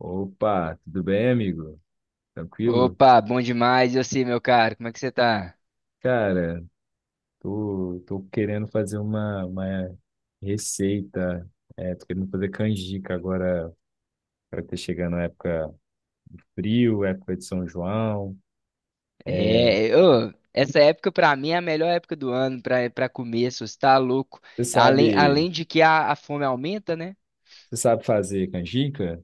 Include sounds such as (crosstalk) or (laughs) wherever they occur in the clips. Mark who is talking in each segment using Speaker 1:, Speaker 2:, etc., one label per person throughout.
Speaker 1: Opa, tudo bem, amigo? Tranquilo?
Speaker 2: Opa, bom demais. Eu sei, meu caro, como é que você tá?
Speaker 1: Cara, tô querendo fazer uma receita. Tô querendo fazer canjica agora para ter chegando a época frio, época de São João. É,
Speaker 2: É, ô, essa época pra mim é a melhor época do ano pra para comer, se você tá louco.
Speaker 1: Você
Speaker 2: Além,
Speaker 1: sabe,
Speaker 2: além de que a fome aumenta, né?
Speaker 1: você sabe fazer canjica?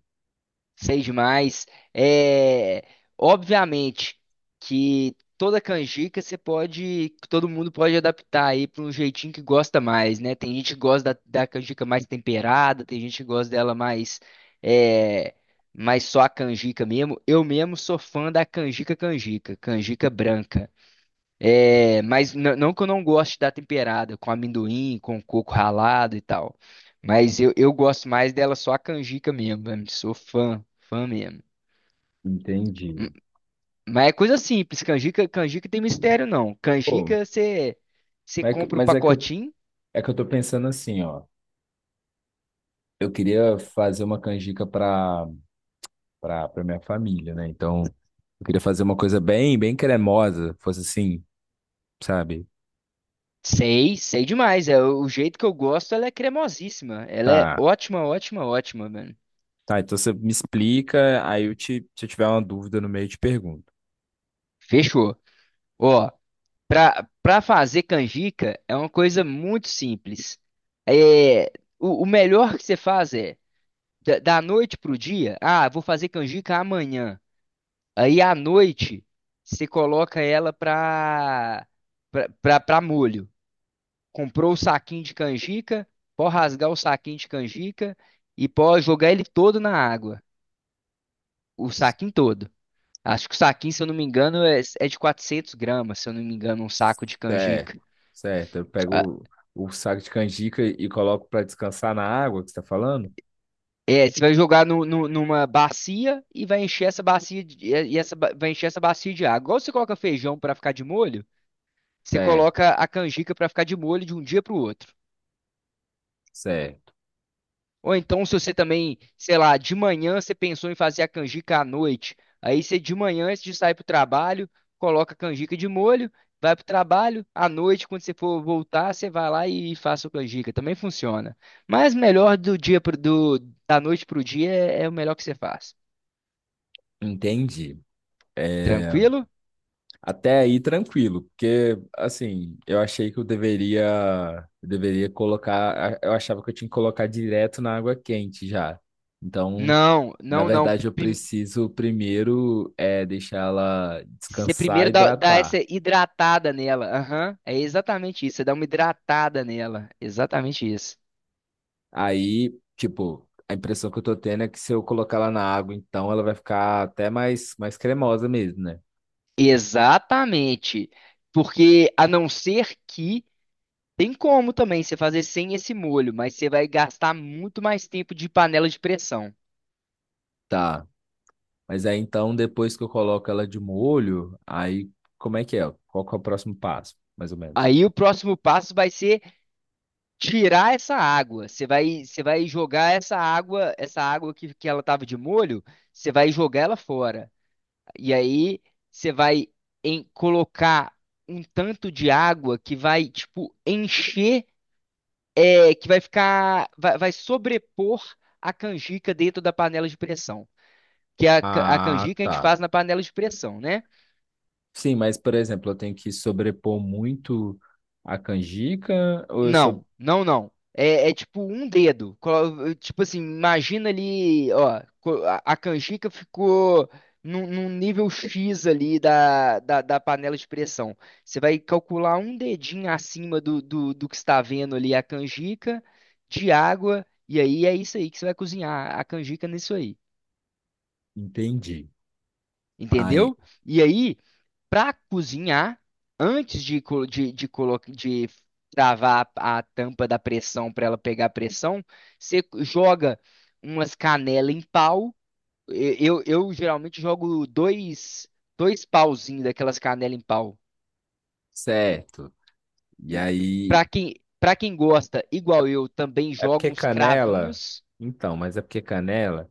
Speaker 2: Sei demais. É, obviamente que toda canjica você pode, que todo mundo pode adaptar aí para um jeitinho que gosta mais, né? Tem gente que gosta da canjica mais temperada, tem gente que gosta dela mais, é, mais só a canjica mesmo. Eu mesmo sou fã da canjica, canjica branca. É, mas não que eu não goste da temperada, com amendoim, com coco ralado e tal. Mas eu gosto mais dela só a canjica mesmo, velho. Sou fã mesmo.
Speaker 1: Entendi.
Speaker 2: M- Mas é coisa simples, canjica, canjica tem mistério não.
Speaker 1: Pô,
Speaker 2: Canjica você
Speaker 1: mas é que,
Speaker 2: compra o
Speaker 1: mas é que eu,
Speaker 2: pacotinho,
Speaker 1: é que eu tô pensando assim, ó. Eu queria fazer uma canjica pra minha família, né? Então, eu queria fazer uma coisa bem cremosa, fosse assim, sabe?
Speaker 2: sei demais. É o jeito que eu gosto, ela é cremosíssima. Ela é
Speaker 1: Tá,
Speaker 2: ótima, ótima, mano.
Speaker 1: tá. Então você me explica, aí eu te, se eu tiver uma dúvida no meio, eu te pergunto.
Speaker 2: Fechou. Ó, Para fazer canjica é uma coisa muito simples. É, o melhor que você faz é da noite pro dia. Ah, vou fazer canjica amanhã. Aí à noite você coloca ela pra para para molho. Comprou o saquinho de canjica, pode rasgar o saquinho de canjica e pode jogar ele todo na água, o saquinho todo. Acho que o saquinho, se eu não me engano, é de 400 gramas, se eu não me engano, um saco de
Speaker 1: Certo,
Speaker 2: canjica.
Speaker 1: certo. Eu pego o saco de canjica e coloco para descansar na água que você tá falando?
Speaker 2: É, você vai jogar numa bacia e vai encher essa bacia de, vai encher essa bacia de água. Igual você coloca feijão para ficar de molho, você
Speaker 1: Certo,
Speaker 2: coloca a canjica para ficar de molho de um dia para o outro.
Speaker 1: certo.
Speaker 2: Ou então, se você também, sei lá, de manhã você pensou em fazer a canjica à noite, aí você de manhã, antes de sair para o trabalho, coloca a canjica de molho, vai para o trabalho, à noite, quando você for voltar, você vai lá e faz a sua canjica. Também funciona. Mas melhor do da noite para o dia é o melhor que você faz.
Speaker 1: Entendi. É,
Speaker 2: Tranquilo?
Speaker 1: até aí tranquilo, porque assim, eu achei que eu deveria colocar, eu achava que eu tinha que colocar direto na água quente já. Então,
Speaker 2: Não,
Speaker 1: na
Speaker 2: não, não.
Speaker 1: verdade, eu
Speaker 2: Prim-
Speaker 1: preciso primeiro deixar ela
Speaker 2: Você
Speaker 1: descansar,
Speaker 2: primeiro dá essa
Speaker 1: hidratar.
Speaker 2: hidratada nela. Aham, é exatamente isso. Você dá uma hidratada nela. Exatamente isso.
Speaker 1: Aí, tipo, a impressão que eu tô tendo é que se eu colocar ela na água, então ela vai ficar até mais cremosa mesmo, né?
Speaker 2: Exatamente. Porque a não ser que tem como também você fazer sem esse molho, mas você vai gastar muito mais tempo de panela de pressão.
Speaker 1: Tá. Mas aí então, depois que eu coloco ela de molho, aí como é que é? Qual que é o próximo passo, mais ou menos?
Speaker 2: Aí o próximo passo vai ser tirar essa água. Você vai jogar essa água que ela estava de molho, você vai jogar ela fora. E aí você vai em colocar um tanto de água que vai, tipo, encher, que vai vai sobrepor a canjica dentro da panela de pressão. Que é a
Speaker 1: Ah,
Speaker 2: canjica a gente
Speaker 1: tá.
Speaker 2: faz na panela de pressão, né?
Speaker 1: Sim, mas por exemplo, eu tenho que sobrepor muito a canjica ou eu sou...
Speaker 2: Não, não, não. É, é tipo um dedo. Tipo assim, imagina ali, ó, a canjica ficou num, num nível X ali da panela de pressão. Você vai calcular um dedinho acima do que está vendo ali a canjica de água, e aí é isso aí que você vai cozinhar a canjica nisso aí.
Speaker 1: Entendi. Aí,
Speaker 2: Entendeu? E aí, para cozinhar, antes de, co- de, colo- de travar a tampa da pressão para ela pegar pressão, você joga umas canelas em pau. Eu geralmente jogo dois pauzinhos daquelas canelas em pau.
Speaker 1: certo. E
Speaker 2: E
Speaker 1: aí,
Speaker 2: para para quem gosta, igual eu, também
Speaker 1: é
Speaker 2: jogo
Speaker 1: porque
Speaker 2: uns
Speaker 1: canela?
Speaker 2: cravinhos.
Speaker 1: Então, mas é porque canela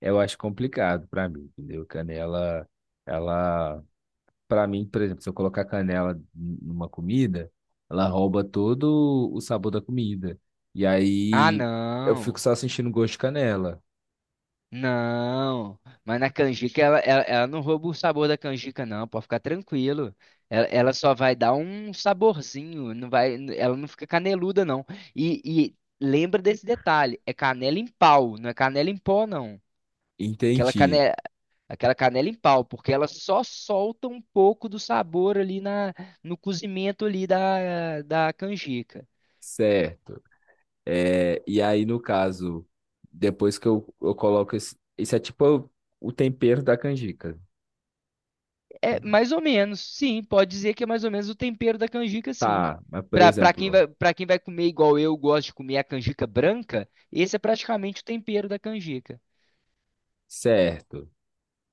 Speaker 1: eu acho complicado pra mim, entendeu? Canela, ela, pra mim, por exemplo, se eu colocar numa comida, ela rouba todo o sabor da comida. E
Speaker 2: Ah,
Speaker 1: aí eu fico
Speaker 2: não.
Speaker 1: só sentindo gosto de canela.
Speaker 2: Não, mas na canjica ela não rouba o sabor da canjica, não, pode ficar tranquilo. Ela só vai dar um saborzinho, não vai, ela não fica caneluda, não. E lembra desse detalhe: é canela em pau, não é canela em pó, não. Aquela
Speaker 1: Entendi,
Speaker 2: canela, aquela canela em pau, porque ela só solta um pouco do sabor ali no cozimento ali da canjica.
Speaker 1: certo. É, e aí, no caso, depois que eu coloco esse, isso é tipo o tempero da canjica.
Speaker 2: É
Speaker 1: Né?
Speaker 2: mais ou menos, sim, pode dizer que é mais ou menos o tempero da canjica, sim.
Speaker 1: Tá, mas por
Speaker 2: Pra quem
Speaker 1: exemplo,
Speaker 2: vai, pra quem vai comer igual eu gosto de comer a canjica branca, esse é praticamente o tempero da canjica.
Speaker 1: certo.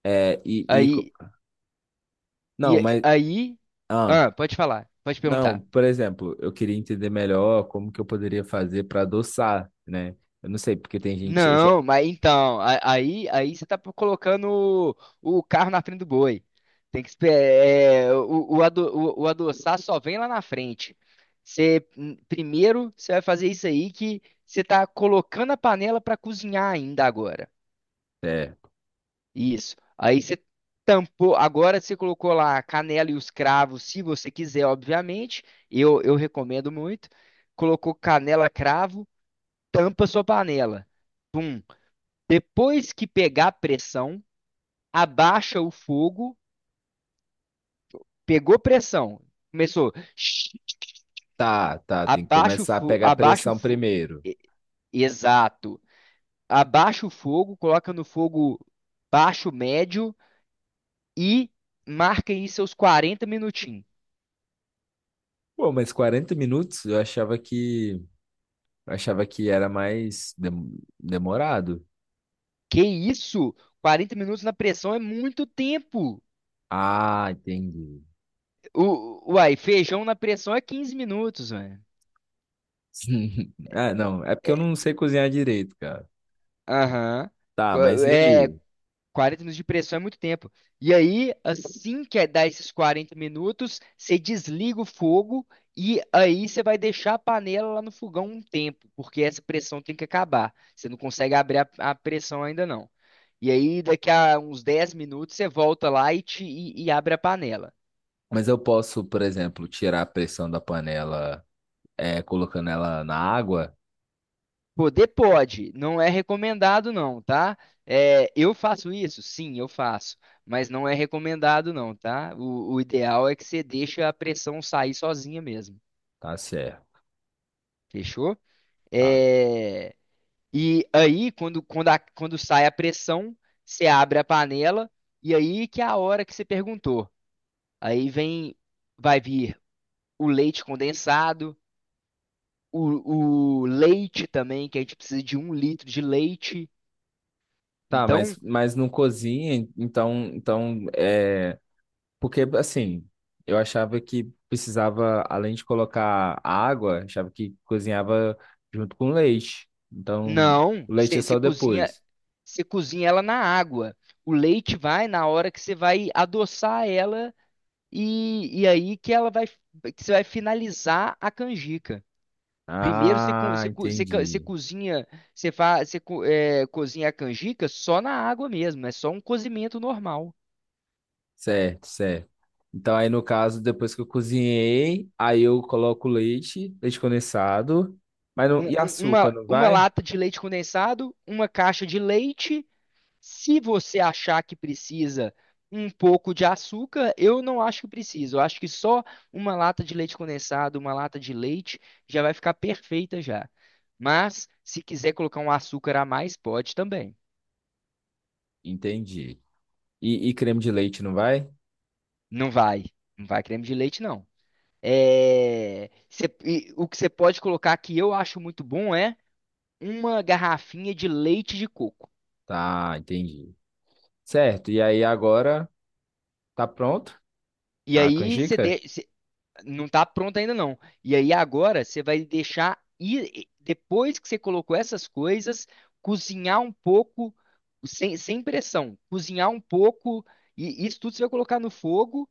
Speaker 1: É, e, e co-
Speaker 2: Aí,
Speaker 1: não,
Speaker 2: e,
Speaker 1: mas
Speaker 2: aí,
Speaker 1: ah.
Speaker 2: ah, pode falar, pode
Speaker 1: Não,
Speaker 2: perguntar.
Speaker 1: por exemplo, eu queria entender melhor como que eu poderia fazer para adoçar, né? Eu não sei, porque tem gente. Eu já...
Speaker 2: Não, mas então, aí você tá colocando o carro na frente do boi. Tem que esperar. O adoçar só vem lá na frente. Primeiro, você vai fazer isso aí que você tá colocando a panela para cozinhar ainda agora.
Speaker 1: É,
Speaker 2: Isso. Aí você tampou. Agora você colocou lá a canela e os cravos, se você quiser, obviamente. Eu recomendo muito. Colocou canela, cravo, tampa sua panela. Depois que pegar pressão, abaixa o fogo, pegou pressão. Começou. Shhh,
Speaker 1: tá, tem que começar a pegar
Speaker 2: Abaixa o
Speaker 1: pressão
Speaker 2: fogo.
Speaker 1: primeiro.
Speaker 2: Exato. Abaixa o fogo, coloca no fogo baixo, médio e marca aí seus 40 minutinhos.
Speaker 1: Pô, mas 40 minutos eu achava que era mais demorado.
Speaker 2: Que isso? 40 minutos na pressão é muito tempo.
Speaker 1: Ah, entendi.
Speaker 2: O, uai, feijão na pressão é 15 minutos, velho.
Speaker 1: (laughs) Ah, não, é porque eu
Speaker 2: É,
Speaker 1: não sei cozinhar direito, cara.
Speaker 2: Aham.
Speaker 1: Tá,
Speaker 2: Co-
Speaker 1: mas e
Speaker 2: É,
Speaker 1: aí?
Speaker 2: 40 minutos de pressão é muito tempo. E aí, assim que dá esses 40 minutos, você desliga o fogo e aí você vai deixar a panela lá no fogão um tempo, porque essa pressão tem que acabar. Você não consegue abrir a pressão ainda não. E aí, daqui a uns 10 minutos, você volta lá e abre a panela.
Speaker 1: Mas eu posso, por exemplo, tirar a pressão da panela, colocando ela na água?
Speaker 2: Poder pode, não é recomendado não, tá? É, eu faço isso? Sim, eu faço. Mas não é recomendado, não, tá? O ideal é que você deixe a pressão sair sozinha mesmo.
Speaker 1: Tá certo.
Speaker 2: Fechou?
Speaker 1: Tá.
Speaker 2: É, e aí, quando sai a pressão, você abre a panela, e aí que é a hora que você perguntou. Aí vem, vai vir o leite condensado, o leite também, que a gente precisa de 1 litro de leite.
Speaker 1: Tá,
Speaker 2: Então,
Speaker 1: mas não cozinha, então, então é. Porque, assim, eu achava que precisava, além de colocar água, achava que cozinhava junto com leite. Então,
Speaker 2: não,
Speaker 1: o leite é
Speaker 2: você
Speaker 1: só
Speaker 2: cozinha,
Speaker 1: depois.
Speaker 2: você cozinha ela na água. O leite vai na hora que você vai adoçar ela, e aí que ela vai, que você vai finalizar a canjica. Primeiro
Speaker 1: Ah,
Speaker 2: você
Speaker 1: entendi.
Speaker 2: cozinha, você, fa, você co- é, cozinha a canjica só na água mesmo, é só um cozimento normal.
Speaker 1: Certo. Então, aí no caso, depois que eu cozinhei, aí eu coloco leite, leite condensado, mas não, e açúcar, não
Speaker 2: Uma
Speaker 1: vai?
Speaker 2: lata de leite condensado, uma caixa de leite. Se você achar que precisa um pouco de açúcar, eu não acho que precisa. Eu acho que só uma lata de leite condensado, uma lata de leite já vai ficar perfeita já. Mas se quiser colocar um açúcar a mais, pode também.
Speaker 1: Entendi. E creme de leite, não vai?
Speaker 2: Não vai. Não vai creme de leite, não. E o que você pode colocar que eu acho muito bom é uma garrafinha de leite de coco.
Speaker 1: Tá, entendi. Certo, e aí agora tá pronto
Speaker 2: E
Speaker 1: a
Speaker 2: aí
Speaker 1: canjica?
Speaker 2: não tá pronto ainda não. E aí agora você vai deixar e depois que você colocou essas coisas, cozinhar um pouco sem pressão, cozinhar um pouco e isso tudo você vai colocar no fogo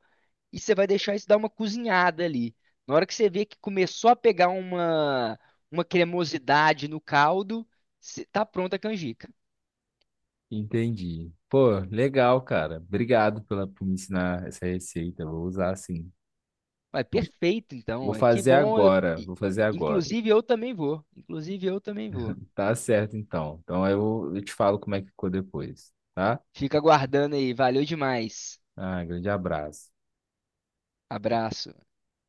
Speaker 2: e você vai deixar isso dar uma cozinhada ali. Na hora que você vê que começou a pegar uma cremosidade no caldo, tá pronta a canjica.
Speaker 1: Entendi. Pô, legal, cara. Obrigado pela, por me ensinar essa receita. Vou usar assim.
Speaker 2: Vai,
Speaker 1: Vou,
Speaker 2: perfeito então.
Speaker 1: vou
Speaker 2: Ué. Que
Speaker 1: fazer
Speaker 2: bom.
Speaker 1: agora. Vou fazer agora.
Speaker 2: Inclusive eu também vou. Inclusive eu também vou.
Speaker 1: Tá certo, então. Então eu te falo como é que ficou depois, tá?
Speaker 2: Fica aguardando aí. Valeu demais.
Speaker 1: Ah, grande abraço.
Speaker 2: Abraço.